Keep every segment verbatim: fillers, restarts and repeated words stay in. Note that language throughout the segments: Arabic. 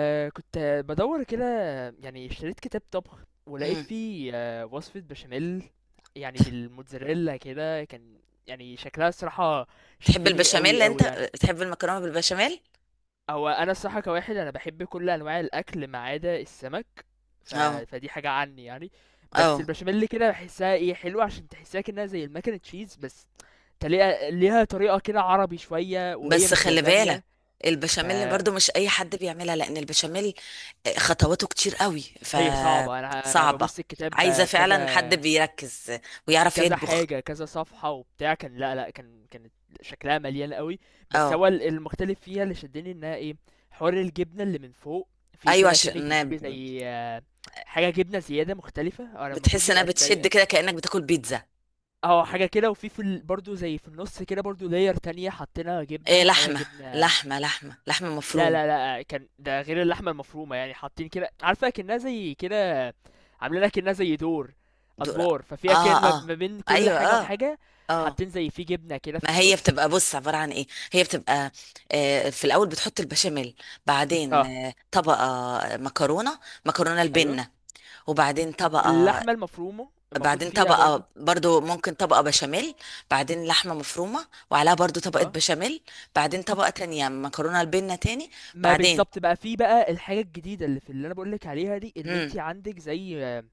آه، كنت بدور كده. يعني اشتريت كتاب طبخ ولقيت مم. فيه آه، وصفة بشاميل يعني بالموتزاريلا كده. كان يعني شكلها الصراحة تحب شدني البشاميل قوي انت، قوي يعني. تحب المكرونه بالبشاميل؟ هو انا الصراحة كواحد انا بحب كل انواع الاكل ما عدا السمك. ف... اه فدي حاجة عني يعني. بس اه. البشاميل كده بحسها ايه حلوة، عشان تحسها كأنها زي المكن تشيز، بس تلاقيها ليها طريقة كده عربي شوية وهي بس مش خلي لازانيا. بالك، البشاميل فهي برضو مش اي حد بيعملها، لان البشاميل خطواته كتير قوي صعبة. انا انا فصعبه. ببص عايزه الكتاب كذا فعلا حد بيركز ويعرف كذا يطبخ. حاجة كذا صفحة وبتاع كان. لأ، لأ، كان كانت شكلها مليان أوي، بس اه، هو ال المختلف فيها اللي شدني إنها إيه، حوار الجبنة اللي من فوق، في ايوه، كده أكنّك عشان بتجيبي زي حاجة جبنة زيادة مختلفة. هو أنا المفروض بتحس انها بيبقى بتشد تقريبًا كده كانك بتاكل بيتزا. آه، حاجة كده. وفي في ال برضه زي في النُص كده، برضه layer تانية حاطينها جبنة، إيه، حاجة لحمه جبنة. لحمه لحمه لحمه لا مفروم. لا، لأ، كان ده غير اللحمة المفرومة. يعني حاطين كده، عارفة أكنها زي كده، عاملينها أكنها زي دور دور، اه أدوار. ففي أكن ما اه، ما بين كل ايوه حاجة اه وحاجة اه. حاطين زي في جبنة كده في ما هي النص. بتبقى، بص، عبارة عن ايه؟ هي بتبقى آه، في الاول بتحط البشاميل، بعدين اه، آه، طبقة مكرونة، مكرونة أيوه، البنة، وبعدين طبقة، واللحمة المفرومة المفروض بعدين فيها برضو. طبقة برضو، ممكن طبقة بشاميل، بعدين لحمة مفرومة وعليها برضو طبقة اه، بشاميل، بعدين طبقة تانية مكرونة البنة تاني، ما بعدين بالظبط بقى، في بقى الحاجة الجديدة اللي في، اللي أنا بقولك عليها دي اللي انت عندك زي آه،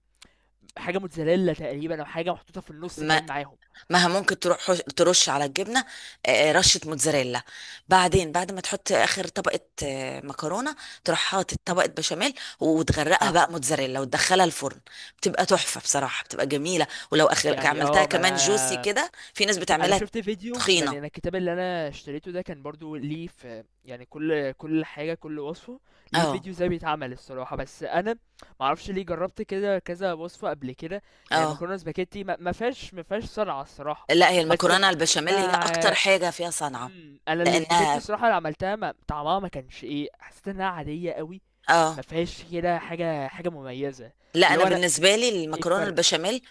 حاجة موتزاريلا تقريبا، أو حاجة محطوطة في النص مم. كمان معاهم. ما ممكن تروح حش- ترش على الجبنه آه، رشه موتزاريلا. بعدين بعد ما تحط اخر طبقه آه، مكرونه، تروح حاطط طبقه بشاميل وتغرقها اه بقى موتزاريلا وتدخلها الفرن. بتبقى تحفه بصراحه، بتبقى جميله. ولو أخ... يعني عملتها اه، ما كمان جوسي أنا كده، في ناس انا بتعملها شفت فيديو. تخينه. يعني انا الكتاب اللي انا اشتريته ده كان برضو ليه في يعني كل كل حاجه كل وصفه ليه اه فيديو ازاي بيتعمل الصراحه. بس انا ما اعرفش ليه، جربت كده كذا وصفه قبل كده. يعني اه. مكرونه سباكيتي ما ما فيهاش ما فيهاش صنعه الصراحه. لا، هي بس المكرونه البشاميل هي ما، اكتر حاجه فيها صنعه، مم، انا السباكيتي لانها الصراحه اللي عملتها ما طعمها ما كانش ايه. حسيت انها عاديه قوي. اه. ما فيهاش كده حاجه حاجه مميزه. لا اللي انا هو انا، بالنسبه لي ايه المكرونه الفرق. البشاميل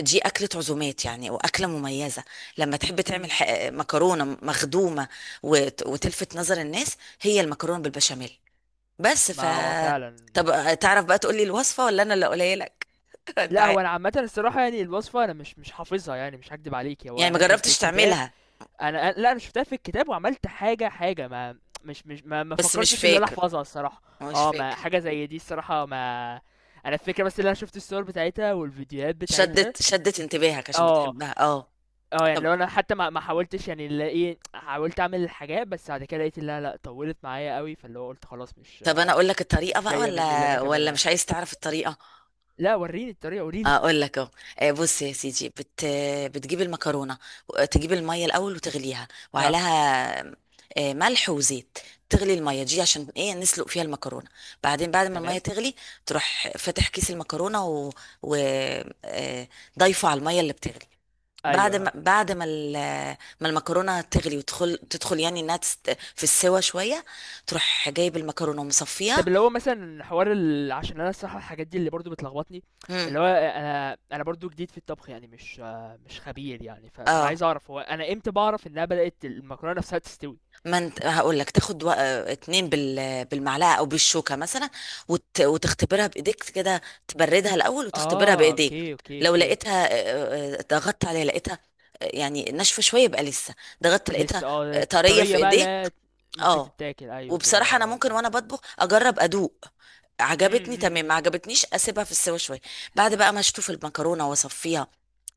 دي أكلة عزومات يعني، وأكلة مميزة لما تحب مم، تعمل ح- مم. مكرونة مخدومة وت- وتلفت نظر الناس، هي المكرونة بالبشاميل. بس ف، ما هو فعلا. طب آه، تعرف بقى تقولي الوصفة ولا أنا اللي أقولها لك؟ أنت لا عارف هو انا عامه الصراحه يعني، الوصفه انا مش مش حافظها يعني. مش هكدب عليك، هو يعني، ما انا كان في جربتش الكتاب. تعملها؟ انا أنا- لا انا شفتها في الكتاب وعملت حاجه حاجه ما. مش مش ما, ما بس مش فكرتش ان انا فاكر، احفظها الصراحه. مش اه ما فاكر. حاجه زي دي الصراحه، ما انا الفكره بس، اللي انا شفت الصور بتاعتها والفيديوهات بتاعتها. شدت شدت انتباهك عشان اه. بتحبها، اه. اه يعني طب، لو انا حتى ما ما حاولتش يعني، اللي ايه، حاولت اعمل الحاجات بس بعد كده لقيت انها لا، طولت معايا قوي. فاللي هو قلت خلاص مش طب أنا أقول لك الطريقة مش بقى جايه مني اللي انا ولا ولا اكملها. مش عايز تعرف الطريقة؟ لا وريني الطريقه، قوليلي. اقول لك اهو. آه، بص يا سيدي، بت... بتجيب المكرونه و- تجيب الميه الاول وتغليها، اه وعليها آه، ملح وزيت. تغلي الميه دي عشان ايه؟ نسلق فيها المكرونه. بعدين بعد ما الميه تمام. تغلي، تروح فاتح كيس المكرونه و... و... آه، ضايفه على الميه اللي بتغلي. بعد ايوه اهو. ما بعد ما ال- ما المكرونه تغلي وتدخل تدخل يعني انها تست... في السوا شويه، تروح جايب المكرونه طب ومصفيها. اللي هو مثلا، حوار ال... عشان انا الصراحه الحاجات دي اللي برضو بتلخبطني، مم. اللي هو انا انا برضو جديد في الطبخ يعني، مش مش خبير يعني. ف... فانا اه، عايز اعرف، هو انا امتى بعرف انها بدات المكرونه نفسها تستوي؟ ما انت هقول لك تاخد وق- اتنين بال... بالمعلقه او بالشوكه مثلا، وت... وتختبرها بايديك كده. تبردها الاول وتختبرها اه بايديك. اوكي اوكي لو اوكي. لقيتها اه، اه، ضغطت عليها لقيتها اه، يعني ناشفه شويه، يبقى لسه. ضغطت لقيتها لسه اه اه، طريه في الطريه بقى ايديك، لا، ممكن اه. تتاكل. ايوه كده، وبصراحه انا آه، ممكن فهمت. وانا بطبخ اجرب ادوق. م- عجبتني م- تمام، ما م. عجبتنيش اسيبها في السوا شويه. بعد بقى ما اشطف المكرونه واصفيها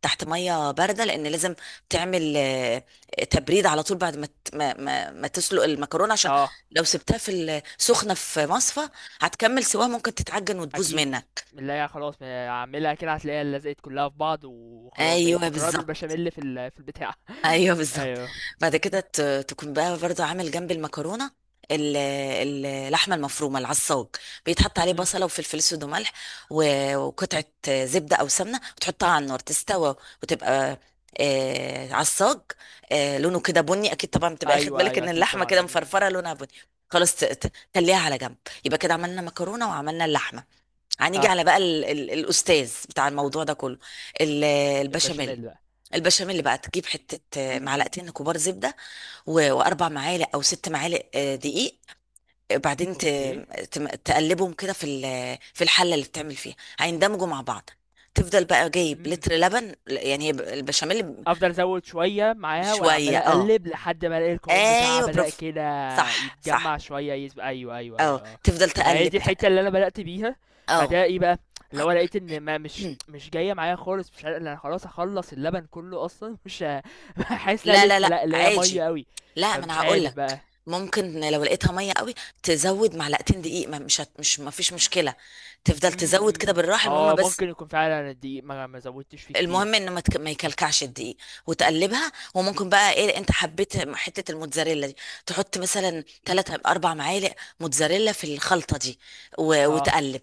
تحت ميه بارده، لان لازم تعمل آه، تبريد على طول بعد ما ت- ما ما, ما تسلق المكرونه، عشان اه لو سبتها في السخنه في مصفى هتكمل سواها، ممكن تتعجن وتبوظ اكيد. منك. لا يا خلاص، ما اعملها كده هتلاقيها لزقت كلها في بعض وخلاص، بقت ايوه مكرونه بالظبط، بالبشاميل في ال... في البتاع. ايوه بالظبط. ايوه. بعد كده ت- تكون بقى برضو عامل جنب المكرونه ال- ال- اللحمه المفرومه، العصاج بيتحط عليه م. بصله وفلفل اسود وملح و- وقطعه زبده او سمنه وتحطها على النار تستوى، وتبقى آه عصاج، آه لونه كده بني. اكيد طبعا بتبقى اخد ايوه بالك ايوه ان اكيد اللحمه كده طبعا. أم. مفرفره، لونها بني. خلاص، ت- ت- تخليها على جنب. يبقى كده عملنا مكرونه وعملنا اللحمه، هنيجي اه. على بقى ال ال الاستاذ بتاع الموضوع ده كله، ال- البشاميل. البشاميل بقى. البشاميل بقى تجيب حتة، آه، معلقتين كبار زبدة و- وأربع معالق أو ست معالق آه، دقيق. بعدين ت- اوكي. تم- تقلبهم كده في ال- في الحلة اللي بتعمل فيها، هيندمجوا مع بعض. تفضل بقى جايب امم لتر لبن، يعني هي ب- البشاميل ب، افضل ازود شويه معاها وانا بشوية عمال اه. اقلب لحد ما الاقي القوام بتاعها ايوه، بدا برافو، كده صح صح، يتجمع شويه يز... ايوه ايوه ايوه اه. اه. تفضل ما هي تقلب دي تق- الحته اللي انا بدات بيها. اه. بعدها ايه بقى؟ اللي هو لقيت ان ما، مش مش جايه معايا خالص، مش عارف- انا خلاص هخلص اللبن كله اصلا، مش ه- حاسس لا لا لا لسه لا لا، اللي هي ميه عادي. قوي، لا ما فمش انا هقول عارف بقى. لك، ممكن لو لقيتها ميه قوي تزود معلقتين دقيق، ما مش هت... مش ما فيش مشكله. تفضل تزود كده امم بالراحه، المهم اه بس، ممكن يكون فعلا الدقيق ما ما زودتش فيه كتير. المهم انه ما, تك... ما يكلكعش الدقيق وتقلبها. وممكن بقى ايه، انت حبيت حته الموتزاريلا دي، تحط مثلا تلاتة اربع معالق موتزاريلا في الخلطه دي و... اه وتقلب،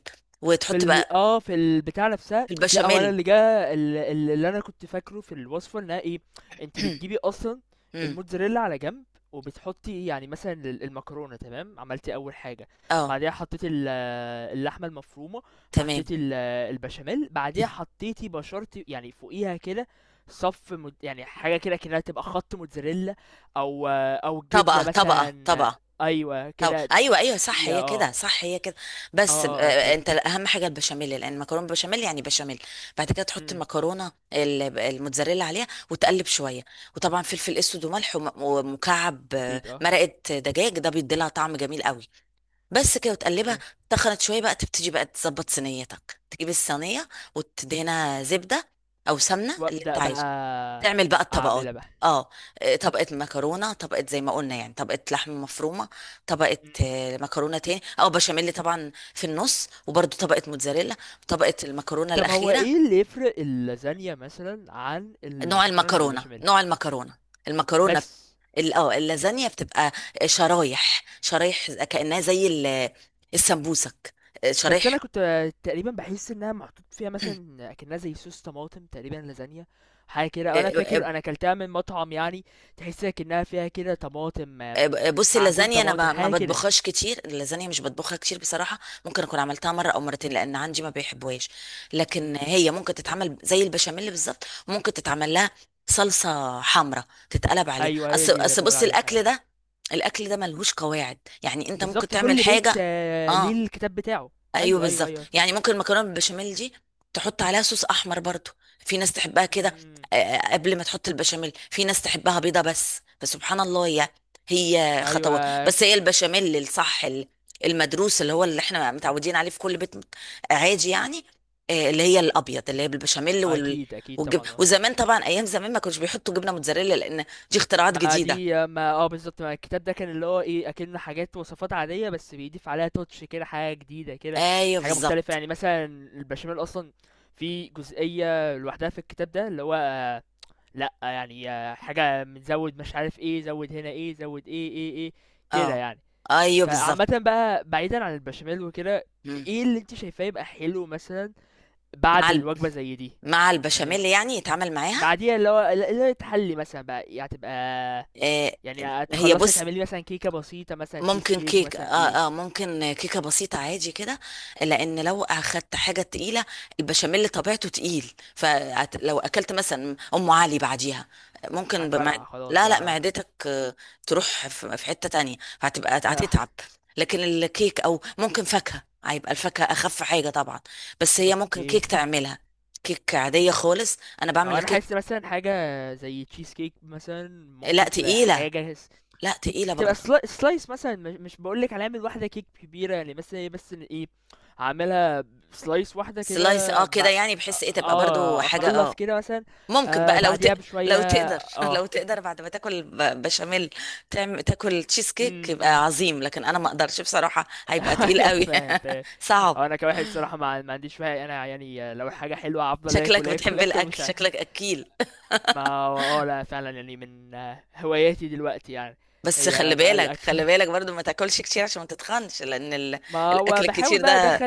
في وتحط ال بقى آه، في البتاع نفسها. في لأ هو أنا البشاميل. اللي جه، ال ال اللي أنا كنت فاكره في الوصفة إنها إيه، أنتِ بتجيبي أصلًا مم. الموتزاريلا على جنب، وبتحطي يعني مثلًا ال المكرونة تمام، عملتِ أول حاجة، اه، بعديها حطيتِ ال اللحمة المفرومة، تمام. حطيتِ ال البشاميل، بعديها حطيتِ بشرتِ يعني فوقيها كده. صَف مت يعني حاجة كده أكنها تبقى خَط موتزاريلا، أو أو جبنة طبقه طبقه مثلًا. طبقه أيوه طب كده ت، ايوه ايوه، صح، فوقيها هي آه، آه، كده، صح هي كده. آه، بس آه، آه، أوكي. انت اهم حاجه البشاميل، لان المكرونه بالبشاميل يعني بشاميل. بعد كده إمم، تحط إمم. المكرونه ال- الموتزاريلا عليها وتقلب شويه. وطبعا فلفل اسود وملح وم- ومكعب آه، أكيد آه. مرقه دجاج، ده بيدي لها طعم جميل قوي. بس كده وتقلبها. إمم. تخنت شويه بقى، تبتدي بقى تظبط صينيتك، تجيب الصينيه وتدهنها زبده او سمنه اللي انت وأبدأ عايزه. بقى تعمل بقى الطبقات. أعملها بقى. اه، آه، طبقة مكرونة، طبقة زي ما قلنا يعني، طبقة لحمة مفرومة، طبقة إمم. آه، مكرونة تاني، او بشاميل طبعا في النص، وبرده طبقة موتزاريلا، طبقة المكرونة طب هو الأخيرة. إيه اللي يفرق اللازانيا مثلًا عن نوع المكرونة اللي المكرونة، بالبشاميل؟ نوع المكرونة. المكرونة بت- بس، ال- اه اللازانيا بتبقى شرايح شرايح كأنها زي ال- السمبوسك، آه، بس شرايح. أنا كنت تقريبا باحس إنها محطوط فيها مثلًا أكنها زي صوص طماطم تقريبا اللازانيا، حاجة كده. أو أنا آه، فاكر آه، أنا أكلتها من مطعم يعني، تحس أكنها فيها كده طماطم، آم، بص، معجون اللازانيا انا طماطم، ب- ما حاجة كده. بطبخهاش كتير، اللازانيا مش بطبخها كتير بصراحه. ممكن اكون عملتها مره او مرتين، لان عندي ما بيحبوهاش. لكن إمم. هي ممكن تتعمل زي البشاميل بالظبط، ممكن تتعمل لها صلصه حمراء تتقلب عليه. أيوه هي اصل دي اللي اصل باقول بص، عليها الاكل آه. ده، الاكل ده ملهوش قواعد. يعني انت ممكن بالضبط، تعمل كل بيت حاجه، آه، اه، ليه الكتاب بتاعه. ايوه أيوه، أيوه، بالظبط. أيوه. يعني ممكن المكرونه بالبشاميل دي تحط عليها صوص احمر برضو، في ناس تحبها كده إمم. آه، قبل ما تحط البشاميل. في ناس تحبها بيضه. بس فسبحان الله، هي هي خطوات. أيوه بس هي البشاميل الصح، ال- المدروس اللي هو اللي احنا متعودين عليه في كل بيت عادي يعني، آه، اللي هي الابيض، اللي هي بالبشاميل وال... أكيد أكيد والجب... طبعًا آه. وزمان، طبعا ايام زمان ما كانوش بيحطوا جبنه موتزاريلا، لان دي اختراعات ما جديده. دي ما آه بالضبط، ما الكتاب ده كان اللي هو إيه، أكِن حاجات وصفات عادية بس بيضيف عليها touch كده، حاجة جديدة كده، ايوه حاجة مختلفة. بالظبط، يعني مثلًا البشاميل أصلًا في جزئية لوحدها في الكتاب ده اللي هو آه، لأ، يعني آه، حاجة من زوِّد، مش عارف إيه، زوِّد هنا إيه، زوِّد إيه، إيه، إيه، كده اه يعني. ايوه فعامةً بالظبط. بقى، بعيدًا عن البشاميل وكده، مم. إيه اللي أنتِ شايفاه يبقى حلو مثلًا بعد مع، الوجبة زي دي؟ مع البشاميل يعني يعني يتعامل معاها، بعديها اللي هو اللي هي تحلي مثلا بقى. يعني هتبقى آه، يعني هي هتخلصي بص، تعملي مثلا كيكة بسيطة مثلا، تشيز ممكن كيك كيك، مثلا ايه. اه اه، ممكن كيكه بسيطه عادي كده. لان لو اخدت حاجه تقيله، البشاميل طبيعته تقيل، فلو اكلت مثلا ام علي بعديها، ممكن بمع... هنفرقع خلاص لا لا، بقى. معدتك آه، تروح في في حته تانية، فهتبقى اه هتتعب. لكن الكيك او ممكن فاكهه، هيبقى الفاكهه اخف حاجه طبعا، بس هي ممكن كيك اوكي. تعملها، كيك عاديه خالص. انا هو بعمل انا الكيك. حاسس مثلا حاجة زي تشيز كيك مثلا لا ممكن تبقى تقيله، حاجة س- لا تقيله بتبقى برضه. سلا- سلايس مثلا، مش مش بقولك هنعمل واحدة كيك كبيرة يعني مثلا إيه، بس إن ايه هعملها سلايس واحدة سلايس، اه كده كده بق- يعني بحس ايه تبقى برضو اه حاجة، اخلص اه. كده مثلا. ممكن آه بقى لو بعديها ت... بشوية. لو تقدر اه. لو تقدر بعد ما تاكل ب- بشاميل تعمل تاكل تشيز كيك، إمم، يبقى إمم. عظيم. لكن انا ما اقدرش بصراحة، هيبقى تقيل أيوه قوي. فاهم تمام. هو صعب. أنا كواحد الصراحة ما ما عنديش فيها أنا يعني، لو حاجة حلوة هافضل شكلك آكل، آكل، بتحب آكل الاكل، مش ه. شكلك اكيل. ما هو آه لأ، فعلًا يعني من آه، هواياتي دلوقتي يعني، بس خلي هي بقى بالك، الأكل. خلي بالك برضو ما تاكلش كتير عشان ما تتخنش، لان ال... ما هو الاكل باحاول الكتير بقى ده. أدخّل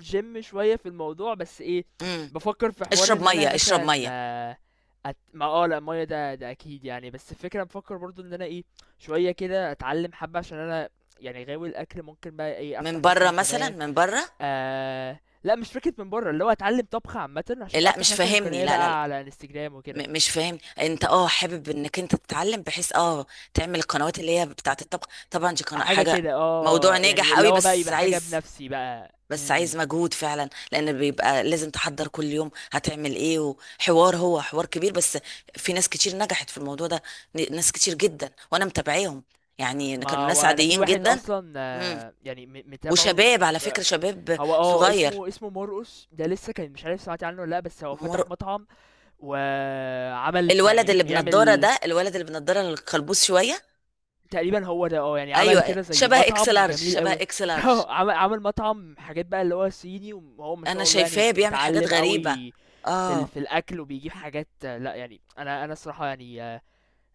الgym شوية في الموضوع. بس إيه، مم. بافكّر في حوار اشرب إن أنا مية، اشرب مثلًا مية. آه، أت ما آه لأ المَيّة ده ده أكيد يعني. بس الفكرة بافكّر برضه إن أنا إيه، شوية كده أتعلّم حبّة عشان أنا يعني غاوي الأكل، ممكن بقى إيه، من أفتح بره مثلًا مثلا، قناة. من بره. آه لا، مش فكرة من بره، اللي هو اتعلم طبخ عامة عشان لا افتح مش مثلا فاهمني، قناة لا لا. بقى على انستجرام وكده، م- مش فاهم، انت اه حابب انك انت تتعلم بحيث اه تعمل القنوات اللي هي بتاعه الطبخ؟ طبعا دي قناة حاجة حاجة، كده موضوع اه يعني، ناجح اللي قوي. هو بقى بس يبقى حاجة عايز، بنفسي بقى بس عايز م-م. مجهود فعلا، لان بيبقى لازم تحضر كل يوم هتعمل ايه، وحوار هو حوار كبير. بس في ناس كتير نجحت في الموضوع ده، ن- ناس كتير جدا، وانا متابعيهم. يعني كانوا ما ناس وانا في عاديين واحد جدا. اصلا مم. آه، يعني م- متابعه وشباب، على آه، فكرة، شباب هو اه صغير. اسمه اسمه مرقص ده. لسه كان مش عارف سمعت عنه ولا لا. بس هو مر... فتح مطعم وعمل يعني الولد اللي بنضارة بيعمل ده، الولد اللي بنضارة القلبوز شوية؟ تقريبا هو ده آه، يعني عمل ايوه، كده زي شبه اكس مطعم لارج، جميل شبه أوي. اكس لارج. آه، عمل عمل مطعم حاجات بقى اللي هو صيني، وهو ما انا شاء الله يعني شايفاه بيعمل حاجات متعلم غريبه. أوي في ال... اه. في الأكل وبيجيب حاجات آه، لأ يعني، أنا أنا الصراحة يعني آه،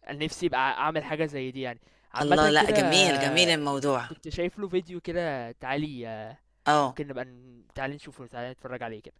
أنا نفسي أبقى أعمل حاجة زي دي يعني، الله، عامة لا كده جميل، جميل آه، الموضوع. كنت شايف له فيديو كده. تعالي آه، اه. ممكن نبقى ن- تعالي نشوفه، تعالي نتفرج عليه كده.